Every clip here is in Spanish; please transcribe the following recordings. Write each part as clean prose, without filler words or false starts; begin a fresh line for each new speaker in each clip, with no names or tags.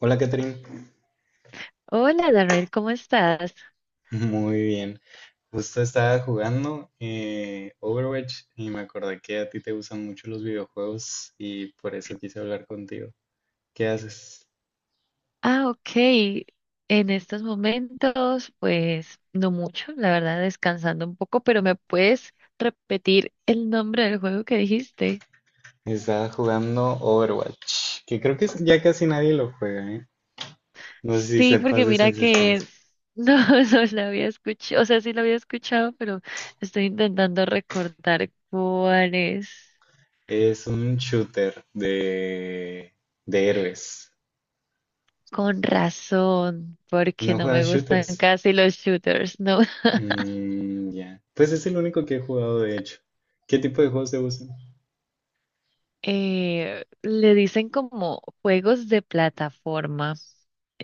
Hola, Catherine.
Hola, Darrell, ¿cómo estás?
Muy bien. Justo estaba jugando Overwatch y me acordé que a ti te gustan mucho los videojuegos y por eso quise hablar contigo. ¿Qué haces?
Ah, ok. En estos momentos, pues no mucho, la verdad, descansando un poco, pero ¿me puedes repetir el nombre del juego que dijiste?
Estaba jugando Overwatch, que ya casi nadie lo juega, ¿eh? No sé si
Sí,
sepas
porque
de su
mira que
existencia.
no, no la había escuchado, o sea, sí la había escuchado, pero estoy intentando recordar cuál es.
Es un shooter de héroes.
Con razón, porque
¿No
no me
juegas
gustan
shooters?
casi los shooters, ¿no?
Mm, ya. Pues es el único que he jugado, de hecho. ¿Qué tipo de juegos te gustan?
Le dicen como juegos de plataforma.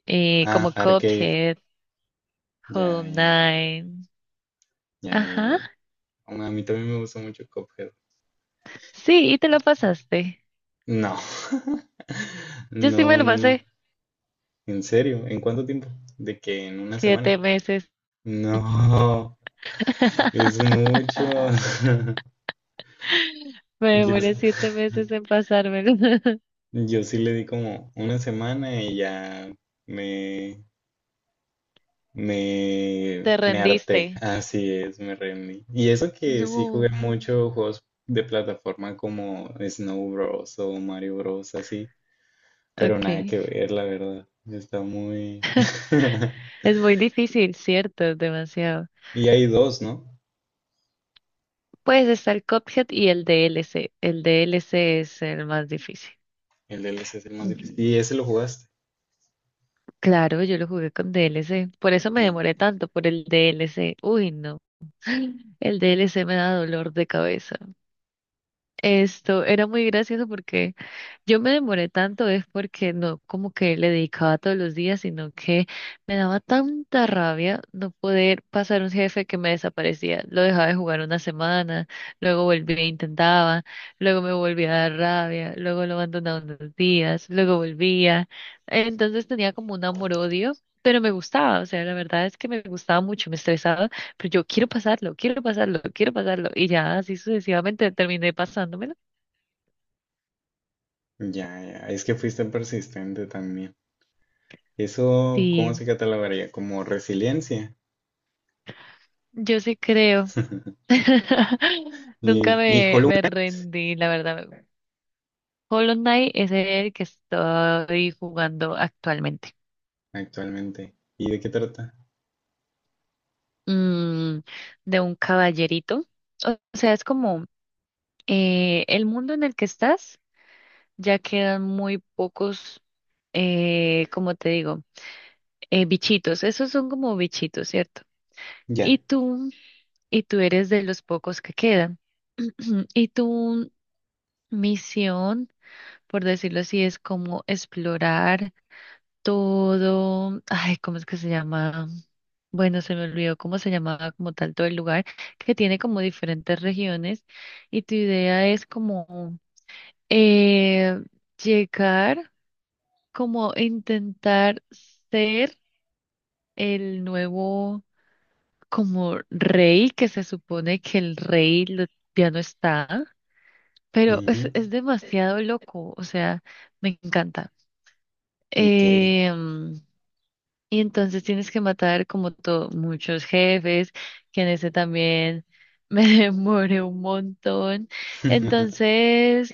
eh,
Ah,
como
arcade.
Cuphead, Hollow
Ya, ya, ya.
Knight.
Ya, ya,
Ajá.
ya. Aún A mí también me gusta mucho Cuphead.
Sí, y te lo pasaste.
No,
Yo sí me
no,
lo
no, no.
pasé
En serio, ¿en cuánto tiempo? De que en una semana.
7 meses.
No, es mucho.
Me
Yo, s-
demoré 7 meses en pasármelo.
yo sí le di como una semana y ya me,
Te
me harté.
rendiste.
Así es, me rendí. Y eso que sí jugué
No.
mucho juegos de plataforma como Snow Bros. O Mario Bros. Así. Pero nada
Okay.
que ver, la verdad. Está muy
Es muy difícil, ¿cierto? Demasiado.
Y hay dos, ¿no?
Pues está el Cuphead y el DLC. El DLC es el más difícil.
El DLC es el más difícil. Y ese lo jugaste.
Claro, yo lo jugué con DLC. Por eso me
Sí.
demoré tanto, por el DLC. Uy, no. El DLC me da dolor de cabeza. Esto era muy gracioso porque yo me demoré tanto es porque no como que le dedicaba todos los días, sino que me daba tanta rabia no poder pasar un jefe que me desaparecía. Lo dejaba de jugar una semana, luego volvía e intentaba, luego me volvía a dar rabia, luego lo abandonaba unos días, luego volvía. Entonces tenía como un amor-odio, pero me gustaba, o sea, la verdad es que me gustaba mucho, me estresaba, pero yo quiero pasarlo, quiero pasarlo, quiero pasarlo. Y ya así sucesivamente terminé pasándomelo.
Ya, ya. Es que fuiste persistente también. Eso, ¿cómo se
Sí,
catalogaría? Como resiliencia.
yo sí creo. Nunca me,
Hollow
me rendí, la verdad. Hollow Knight es el que estoy jugando actualmente.
Knight actualmente. ¿Y de qué trata?
Mm, de un caballerito. O sea, es como el mundo en el que estás, ya quedan muy pocos, como te digo, bichitos. Esos son como bichitos, ¿cierto?
Ya.
Y tú, y tú eres de los pocos que quedan. Y tu misión, por decirlo así, es como explorar todo, ay, ¿cómo es que se llama? Bueno, se me olvidó cómo se llamaba como tal todo el lugar, que tiene como diferentes regiones y tu idea es como eh, llegar, como intentar ser el nuevo como rey, que se supone que el rey ya no está, pero es,
Ujú.
es demasiado loco, o sea, me encanta.
Ok.
Em, Y entonces tienes que matar como todo, muchos jefes, que en ese también me demoré un montón. Entonces,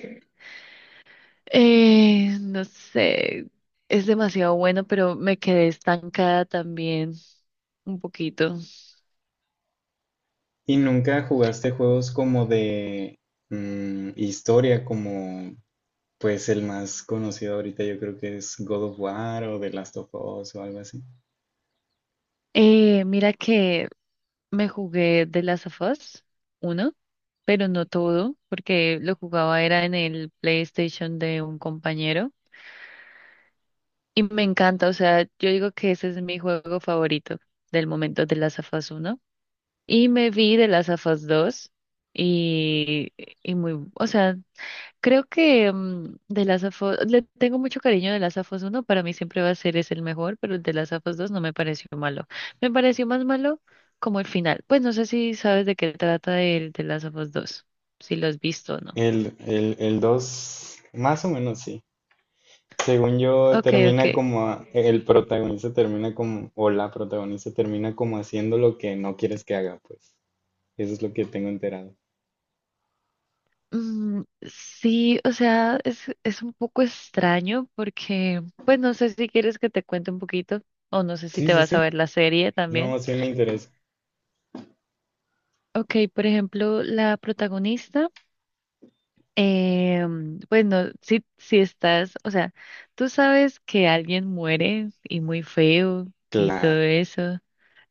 no sé, es demasiado bueno, pero me quedé estancada también un poquito.
¿Y nunca jugaste juegos como de historia, como Pues el más conocido ahorita yo creo que es God of War o The Last of Us o algo así.
Mira que me jugué The Last of Us 1, pero no todo, porque lo jugaba era en el PlayStation de un compañero. Y me encanta, o sea, yo digo que ese es mi juego favorito del momento de las AFAS 1. Y me vi de las AFAS 2 y, y muy, o sea, creo que de las AFAS, le tengo mucho cariño de las AFAS 1, para mí siempre va a ser es el mejor, pero el de las AFAS 2 no me pareció malo. Me pareció más malo como el final. Pues no sé si sabes de qué trata el de las AFAS 2, si lo has visto o no.
El 2 más o menos sí. Según yo,
Ok, ok.
termina como, el protagonista termina como, o la protagonista termina como haciendo lo que no quieres que haga, pues. Eso es lo que tengo enterado.
Mm, sí, o sea, es un poco extraño porque, pues no sé si quieres que te cuente un poquito o no sé si
Sí,
te
sí,
vas a
sí.
ver la serie también.
No, sí me interesa.
Ok, por ejemplo, la protagonista, eh, pues no, si estás, o sea, tú sabes que alguien muere y muy feo y
Claro.
todo eso.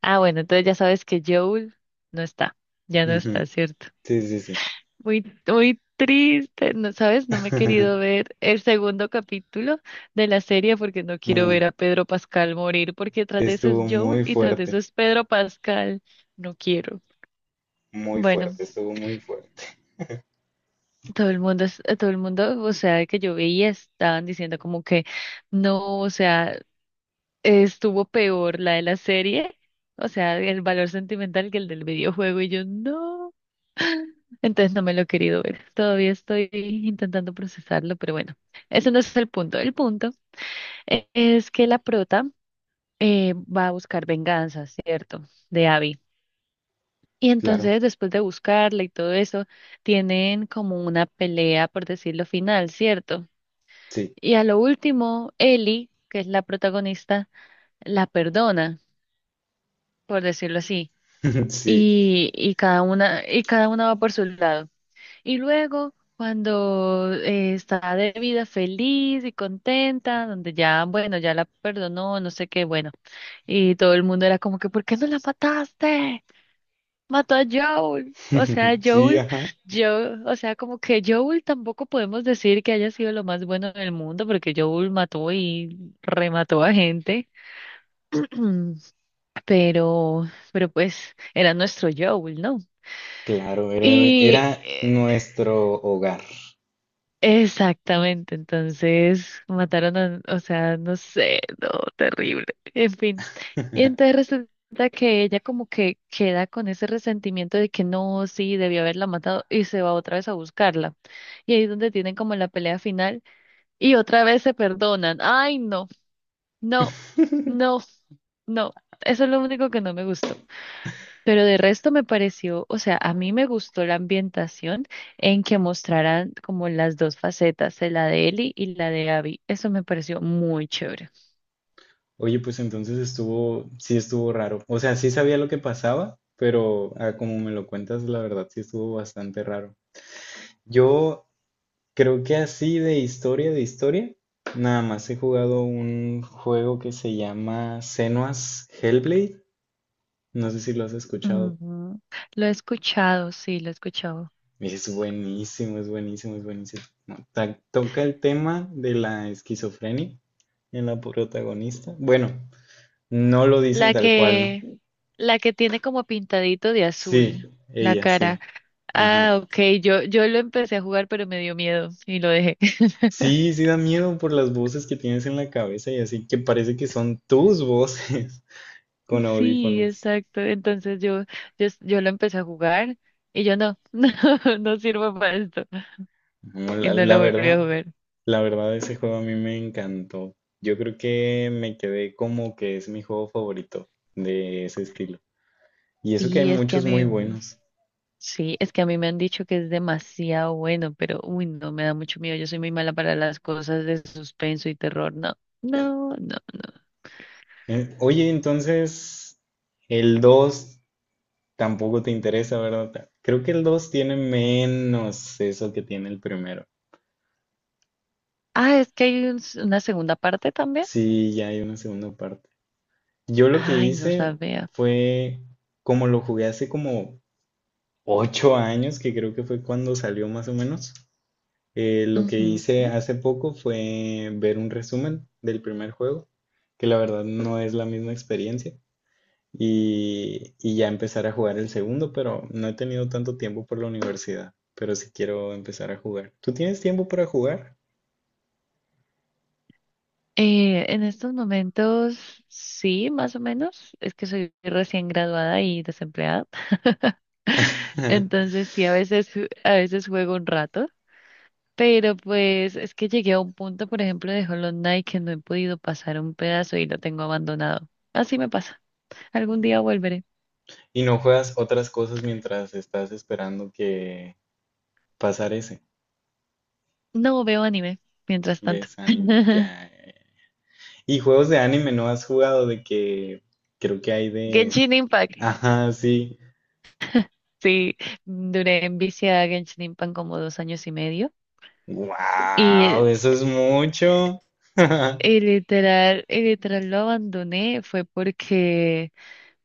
Ah, bueno, entonces ya sabes que Joel no está, ya no
Ujú.
está, ¿cierto?
Sí, sí, sí.
Muy, muy triste, no, ¿sabes? No me he querido ver el segundo capítulo de la serie porque no quiero
Mm,
ver a Pedro Pascal morir, porque tras de eso es
estuvo
Joel y tras de eso es Pedro Pascal. No quiero.
muy
Bueno,
fuerte, estuvo muy fuerte.
todo el mundo, todo el mundo, o sea, que yo veía estaban diciendo como que no, o sea, estuvo peor la de la serie, o sea, el valor sentimental que el del videojuego y yo no. Entonces no me lo he querido ver. Todavía estoy intentando procesarlo, pero bueno, eso no es el punto. El punto es que la prota va a buscar venganza, ¿cierto? De Abby. Y
Claro,
entonces, después de buscarla y todo eso, tienen como una pelea, por decirlo final, ¿cierto?
sí,
Y a lo último, Ellie, que es la protagonista, la perdona, por decirlo así.
sí.
Y cada una va por su lado. Y luego, cuando está de vida feliz y contenta, donde ya, bueno, ya la perdonó, no sé qué, bueno, y todo el mundo era como que, ¿por qué no la mataste? Mató a Joel. O sea,
Sí,
Joel,
ajá.
yo, o sea, como que Joel tampoco podemos decir que haya sido lo más bueno del mundo, porque Joel mató y remató a gente, pero, pero pues era nuestro Joel, ¿no?
Claro, era,
Y,
era
eh,
nuestro hogar.
Exactamente, entonces mataron a, o sea, no sé, no, terrible, en fin. Y entonces resulta que ella como que queda con ese resentimiento de que no, sí, debió haberla matado y se va otra vez a buscarla. Y ahí es donde tienen como la pelea final y otra vez se perdonan. Ay, no, no, no, no. Eso es lo único que no me gustó. Pero de resto me pareció, o sea, a mí me gustó la ambientación en que mostraran como las dos facetas, la de Ellie y la de Abby. Eso me pareció muy chévere.
Oye, pues entonces estuvo, sí estuvo raro. O sea, sí sabía lo que pasaba, pero ah, como me lo cuentas, la verdad sí estuvo bastante raro. Yo creo que así de historia, nada más he jugado un juego que se llama Senua's Hellblade. No sé si lo has escuchado.
Ujú. Lo he escuchado, sí, lo he escuchado.
Es buenísimo, es buenísimo, es buenísimo. No, toca el tema de la esquizofrenia en la protagonista. Bueno, no lo dicen
La
tal cual, ¿no?
que, la que tiene como pintadito de azul
Sí,
la
ella, sí.
cara.
Ajá.
Ah, ok, yo lo empecé a jugar, pero me dio miedo y lo dejé.
Sí, sí da miedo por las voces que tienes en la cabeza y así que parece que son tus voces con
Sí,
audífonos.
exacto. Entonces yo lo empecé a jugar y yo no, no, no sirvo para esto.
No,
Y no la volví a jugar.
la verdad ese juego a mí me encantó. Yo creo que me quedé como que es mi juego favorito de ese estilo. Y eso que hay
Sí, es que a
muchos
mí,
muy buenos.
sí, es que a mí me han dicho que es demasiado bueno, pero uy, no, me da mucho miedo. Yo soy muy mala para las cosas de suspenso y terror. No, no, no.
Oye, entonces el 2 tampoco te interesa, ¿verdad? Creo que el 2 tiene menos eso que tiene el primero.
Ah, es que hay una segunda parte también.
Sí, ya hay una segunda parte. Yo lo que
Ay, no
hice
sabía.
fue, como lo jugué hace como 8 años, que creo que fue cuando salió más o menos, lo que hice
Ujú.
hace poco fue ver un resumen del primer juego, que la verdad no es la misma experiencia. Ya empezar a jugar el segundo, pero no he tenido tanto tiempo por la universidad, pero sí quiero empezar a jugar. ¿Tú tienes tiempo para jugar?
En estos momentos, sí, más o menos. Es que soy recién graduada y desempleada. Entonces, sí, a veces juego un rato. Pero pues es que llegué a un punto, por ejemplo, de Hollow Knight que no he podido pasar un pedazo y lo tengo abandonado. Así me pasa. Algún día volveré.
Y no juegas otras cosas mientras estás esperando que pasar ese.
No veo anime, mientras tanto.
¿Ves anime? Ya. Y juegos de anime no has jugado de que creo que hay de
Genshin Impact.
Ajá, sí.
Sí, duré en vicio a Genshin Impact como 2,5 años. Y, eh,
¡Wow! Eso es mucho.
y literal lo abandoné fue porque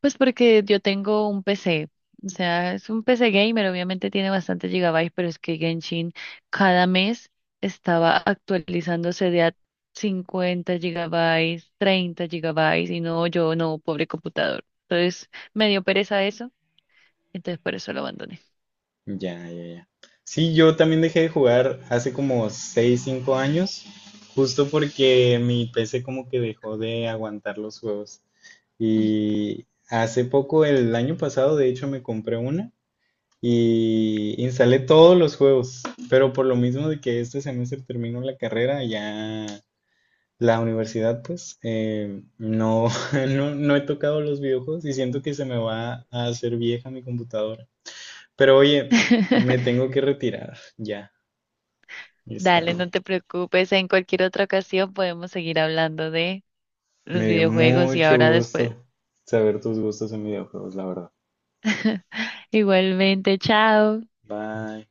Pues porque yo tengo un PC, o sea, es un PC gamer, obviamente tiene bastantes gigabytes, pero es que Genshin cada mes estaba actualizándose de a 50 gigabytes, 30 gigabytes, y no, yo no, pobre computador. Entonces me dio pereza eso, entonces por eso lo abandoné.
Ya, ya, ya. Sí, yo también dejé de jugar hace como 6, 5 años, justo porque mi PC como que dejó de aguantar los juegos. Y hace poco, el año pasado, de hecho, me compré una y instalé todos los juegos, pero por lo mismo de que este semestre termino la carrera, ya la universidad, pues, no, no, no he tocado los videojuegos y siento que se me va a hacer vieja mi computadora. Pero oye, me tengo que retirar ya, y es
Dale, no
tarde.
te preocupes, en cualquier otra ocasión podemos seguir hablando de los
Me dio
videojuegos y
mucho
ahora después.
gusto saber tus gustos en videojuegos, la verdad.
Igualmente, chao.
Bye.